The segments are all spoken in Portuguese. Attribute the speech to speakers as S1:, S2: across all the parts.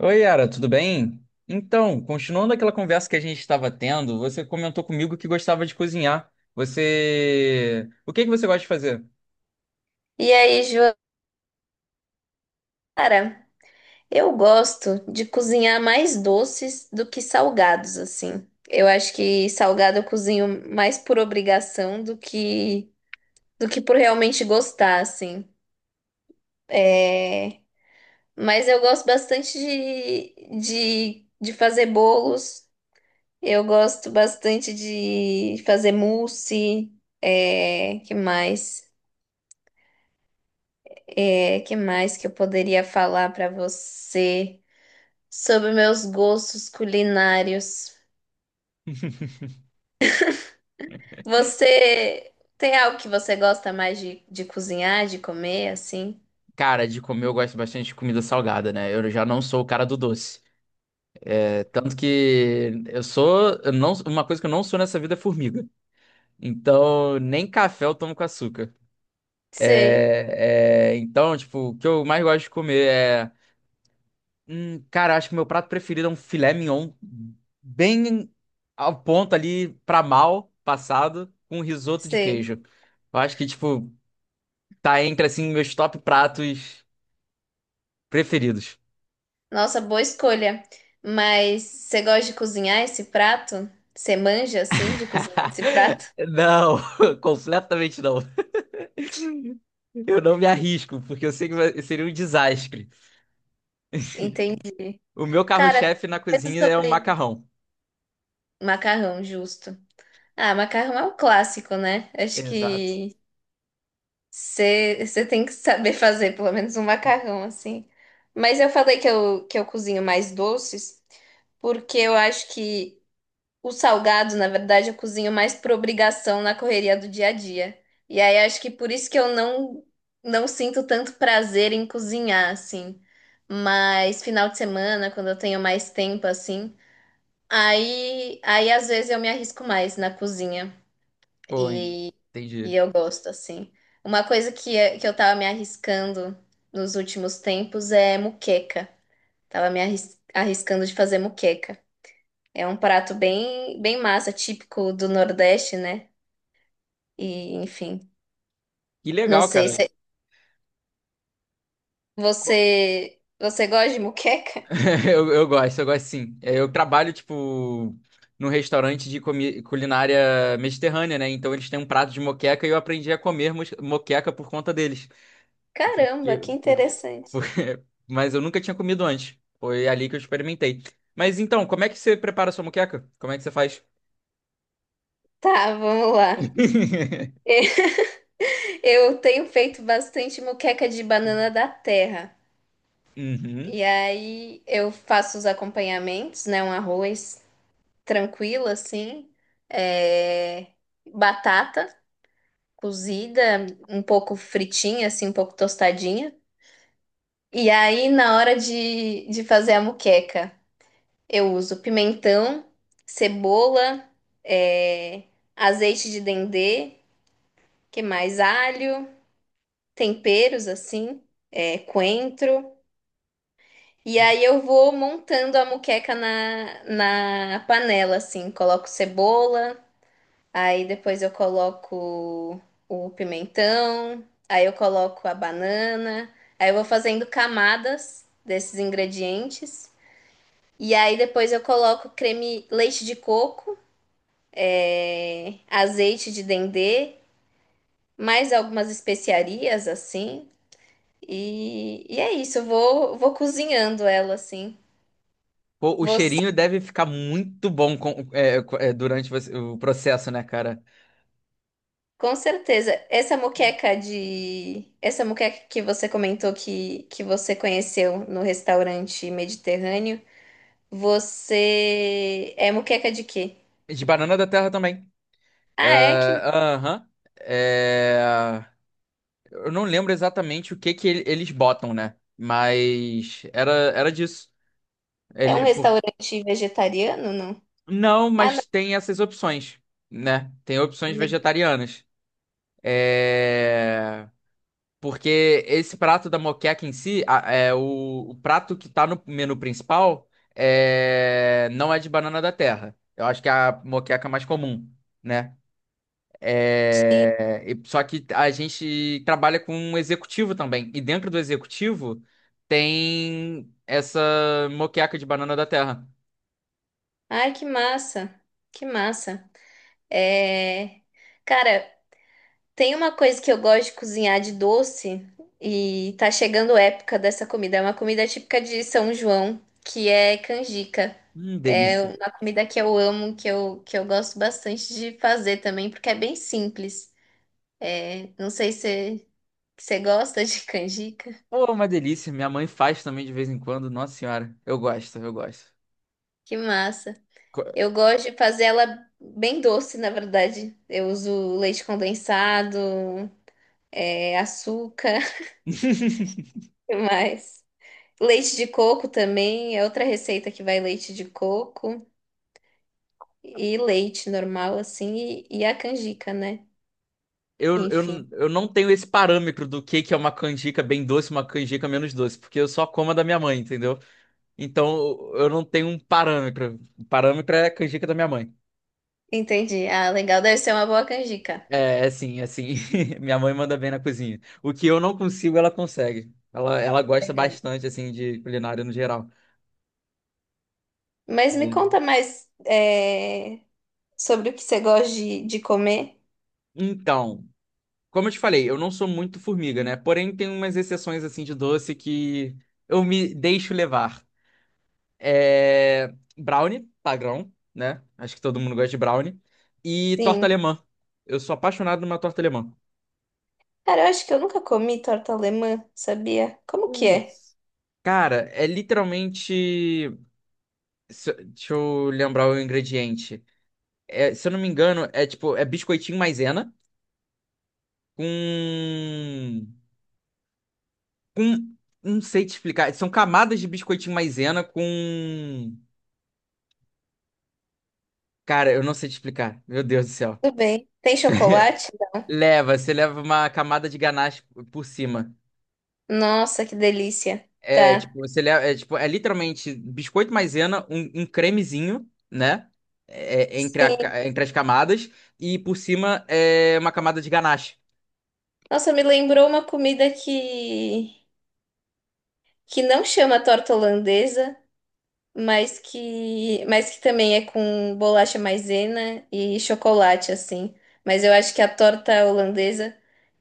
S1: Oi, Yara, tudo bem? Então, continuando aquela conversa que a gente estava tendo, você comentou comigo que gostava de cozinhar. Você. O que que você gosta de fazer?
S2: E aí, Joara, eu gosto de cozinhar mais doces do que salgados, assim. Eu acho que salgado eu cozinho mais por obrigação do que por realmente gostar, assim. É, mas eu gosto bastante de fazer bolos, eu gosto bastante de fazer mousse, que mais? Que mais que eu poderia falar para você sobre meus gostos culinários? Você tem algo que você gosta mais de cozinhar, de comer, assim?
S1: Cara, de comer eu gosto bastante de comida salgada, né? Eu já não sou o cara do doce. É, tanto que eu sou. Eu não, uma coisa que eu não sou nessa vida é formiga. Então, nem café eu tomo com açúcar.
S2: Sei,
S1: Então, tipo, o que eu mais gosto de comer é. Cara, acho que meu prato preferido é um filé mignon, bem ao ponto ali pra mal passado, com risoto de
S2: sei.
S1: queijo. Eu acho que, tipo, tá entre, assim, meus top pratos preferidos.
S2: Nossa, boa escolha. Mas você gosta de cozinhar esse prato? Você manja, assim, de cozinhar esse prato?
S1: Não, completamente não. Eu não me arrisco, porque eu sei que vai- seria um desastre.
S2: Entendi.
S1: O meu
S2: Cara,
S1: carro-chefe na
S2: coisa
S1: cozinha é o
S2: sobre
S1: macarrão.
S2: macarrão, justo. Ah, macarrão é um clássico, né? Acho
S1: Exato.
S2: que você tem que saber fazer pelo menos um macarrão assim. Mas eu falei que eu cozinho mais doces, porque eu acho que o salgado, na verdade, eu cozinho mais por obrigação na correria do dia a dia. E aí acho que por isso que eu não sinto tanto prazer em cozinhar, assim. Mas final de semana, quando eu tenho mais tempo, assim, aí às vezes eu me arrisco mais na cozinha.
S1: Pô,
S2: E, e
S1: entendi.
S2: eu gosto, assim. Uma coisa que, que eu tava me arriscando nos últimos tempos é muqueca. Tava me arriscando de fazer muqueca. É um prato bem massa, típico do Nordeste, né? E, enfim,
S1: Que
S2: não
S1: legal,
S2: sei
S1: cara.
S2: se você gosta de muqueca?
S1: Eu gosto, eu gosto sim. É, eu trabalho, tipo, num restaurante de comi- culinária mediterrânea, né? Então eles têm um prato de moqueca e eu aprendi a comer mos- moqueca por conta deles.
S2: Caramba,
S1: Porque,
S2: que
S1: por-
S2: interessante.
S1: porque- Mas eu nunca tinha comido antes. Foi ali que eu experimentei. Mas então, como é que você prepara a sua moqueca? Como é que você faz?
S2: Tá, vamos lá. Eu tenho feito bastante muqueca de banana da terra.
S1: Uhum.
S2: E aí eu faço os acompanhamentos, né? Um arroz tranquilo, assim, é, batata cozida, um pouco fritinha, assim, um pouco tostadinha. E aí, na hora de fazer a moqueca, eu uso pimentão, cebola, é, azeite de dendê, que mais? Alho, temperos, assim, é, coentro. E aí eu vou montando a moqueca na panela, assim. Coloco cebola, aí depois eu coloco o pimentão, aí eu coloco a banana, aí eu vou fazendo camadas desses ingredientes. E aí depois eu coloco creme leite de coco, é, azeite de dendê, mais algumas especiarias assim. E é isso, vou cozinhando ela assim.
S1: Pô, o
S2: Vou
S1: cheirinho deve ficar muito bom com- é, co- é, durante você- o processo, né, cara?
S2: com certeza. Essa moqueca de. Essa moqueca que você comentou que você conheceu no restaurante mediterrâneo, você. É moqueca de quê?
S1: De banana da terra também. É,
S2: Ah, é que
S1: aham. É, eu não lembro exatamente o que que ele- eles botam, né? Mas era, era disso.
S2: é um
S1: Ele, por...
S2: restaurante vegetariano, não?
S1: Não,
S2: Ah, não.
S1: mas tem essas opções, né? Tem opções vegetarianas. É... Porque esse prato da moqueca em si, a- é, o prato que tá no menu principal é... não é de banana da terra. Eu acho que é a moqueca mais comum, né? É, e- só que a gente trabalha com um executivo também. E dentro do executivo tem essa moqueca de banana da terra.
S2: Ai, que massa. Que massa. É. Cara, tem uma coisa que eu gosto de cozinhar de doce e tá chegando a época dessa comida. É uma comida típica de São João, que é canjica. É
S1: Delícia.
S2: uma comida que eu amo, que eu gosto bastante de fazer também, porque é bem simples. É, não sei se você gosta de canjica.
S1: Pô, uma delícia. Minha mãe faz também de vez em quando. Nossa senhora, eu gosto, eu gosto.
S2: Que massa.
S1: Co-
S2: Eu gosto de fazer ela bem doce, na verdade. Eu uso leite condensado, é, açúcar, o que mais? Leite de coco também é outra receita que vai leite de coco e leite normal, assim, e a canjica, né?
S1: Eu,
S2: Enfim,
S1: eu, eu não tenho esse parâmetro do que é uma canjica bem doce, uma canjica menos doce, porque eu só como a da minha mãe, entendeu? Então eu não tenho um parâmetro. O parâmetro é a canjica da minha mãe.
S2: entendi. Ah, legal, deve ser uma boa canjica.
S1: É, é sim, é sim. Minha mãe manda bem na cozinha. O que eu não consigo, ela consegue. Ela gosta
S2: Legal.
S1: bastante, assim, de culinária no geral.
S2: Mas me
S1: É.
S2: conta mais é, sobre o que você gosta de comer.
S1: Então, como eu te falei, eu não sou muito formiga, né? Porém, tem umas exceções, assim, de doce que eu me deixo levar. É... Brownie, padrão, né? Acho que todo mundo gosta de brownie. E torta
S2: Sim.
S1: alemã. Eu sou apaixonado numa torta alemã.
S2: Cara, eu acho que eu nunca comi torta alemã, sabia? Como que é?
S1: Putz. Cara, é literalmente. Se- deixa eu lembrar o ingrediente. É, se eu não me engano, é tipo, é biscoitinho maisena com, com, não sei te explicar, são camadas de biscoitinho maisena com, cara, eu não sei te explicar, meu Deus do céu.
S2: Tudo bem. Tem chocolate?
S1: Leva, você leva uma camada de ganache por cima.
S2: Nossa, que delícia.
S1: É
S2: Tá.
S1: tipo, você leva, é, tipo, é literalmente biscoito maisena, um cremezinho, né? Entre, a
S2: Sim.
S1: ca- entre as camadas e por cima é uma camada de ganache.
S2: Nossa, me lembrou uma comida que não chama torta holandesa, mas que também é com bolacha maisena e chocolate, assim. Mas eu acho que a torta holandesa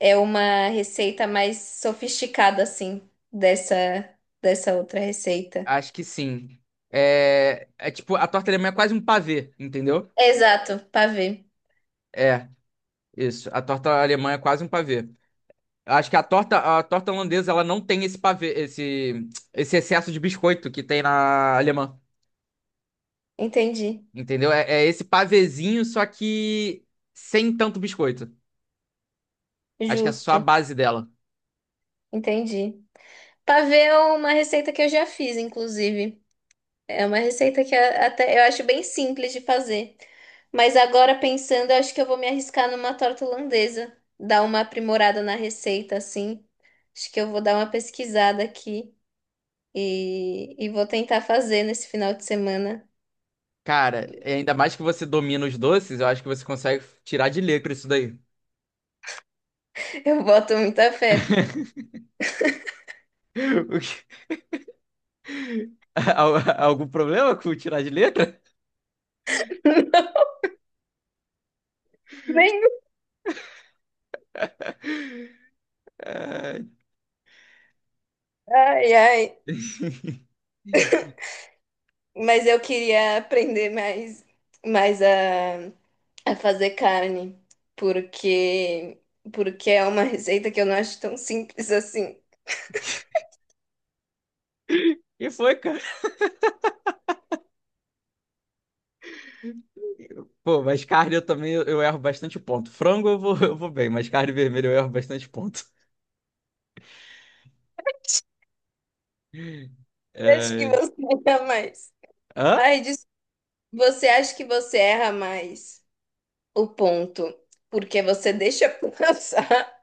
S2: é uma receita mais sofisticada, assim, dessa outra receita.
S1: Acho que sim. É, é tipo, a torta alemã é quase um pavê, entendeu?
S2: Exato, pavê.
S1: É, isso. A torta alemã é quase um pavê. Eu acho que a torta holandesa, ela não tem esse pavê, esse excesso de biscoito que tem na alemã.
S2: Entendi.
S1: Entendeu? É, é esse pavezinho, só que sem tanto biscoito. Acho que é só a
S2: Justo.
S1: base dela.
S2: Entendi. Pavê é uma receita que eu já fiz, inclusive. É uma receita até eu acho bem simples de fazer. Mas agora pensando, eu acho que eu vou me arriscar numa torta holandesa, dar uma aprimorada na receita assim. Acho que eu vou dar uma pesquisada aqui e vou tentar fazer nesse final de semana.
S1: Cara, e ainda mais que você domina os doces, eu acho que você consegue tirar de letra isso daí.
S2: Eu boto muita fé, pô.
S1: O que- Al- Algum problema com tirar de letra?
S2: Nem-
S1: Ah,
S2: Ai, ai. Mas eu queria aprender mais a fazer carne, porque porque é uma receita que eu não acho tão simples assim.
S1: e foi, cara. Pô, mas carne eu também eu erro bastante ponto. Frango eu vou, eu vou bem, mas carne vermelha eu erro bastante ponto.
S2: Acho que
S1: É...
S2: você erra mais.
S1: Hã?
S2: Ai, des- Você acha que você erra mais o ponto porque você deixa passar?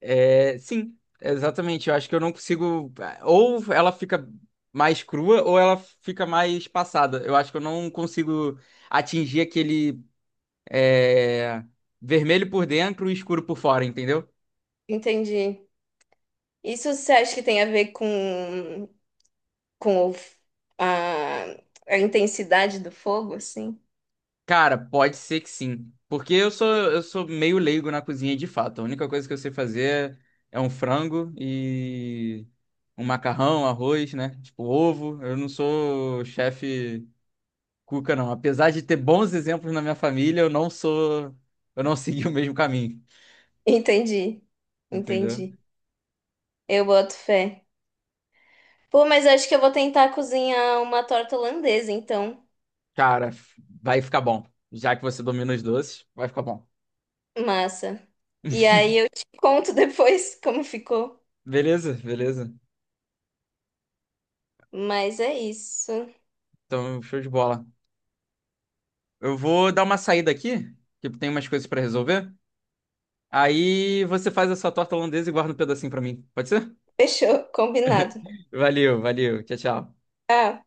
S1: É, sim, exatamente. Eu acho que eu não consigo. Ou ela fica mais crua, ou ela fica mais passada. Eu acho que eu não consigo atingir aquele é, vermelho por dentro e escuro por fora, entendeu?
S2: Entendi. Isso você acha que tem a ver com a, a intensidade do fogo, assim?
S1: Cara, pode ser que sim. Porque eu sou meio leigo na cozinha de fato. A única coisa que eu sei fazer é um frango e um macarrão, arroz, né? Tipo, ovo. Eu não sou chefe cuca, não. Apesar de ter bons exemplos na minha família, eu não sou. Eu não segui o mesmo caminho.
S2: Entendi.
S1: Entendeu?
S2: Entendi. Eu boto fé. Pô, mas acho que eu vou tentar cozinhar uma torta holandesa, então.
S1: Cara, vai ficar bom. Já que você domina os doces, vai ficar bom.
S2: Massa. E aí eu te conto depois como ficou.
S1: Beleza, beleza.
S2: Mas é isso.
S1: Então, show de bola. Eu vou dar uma saída aqui, que tem umas coisas pra resolver. Aí você faz a sua torta holandesa e guarda um pedacinho pra mim. Pode ser?
S2: Fechou, combinado.
S1: Valeu, valeu. Tchau, tchau.
S2: Tchau.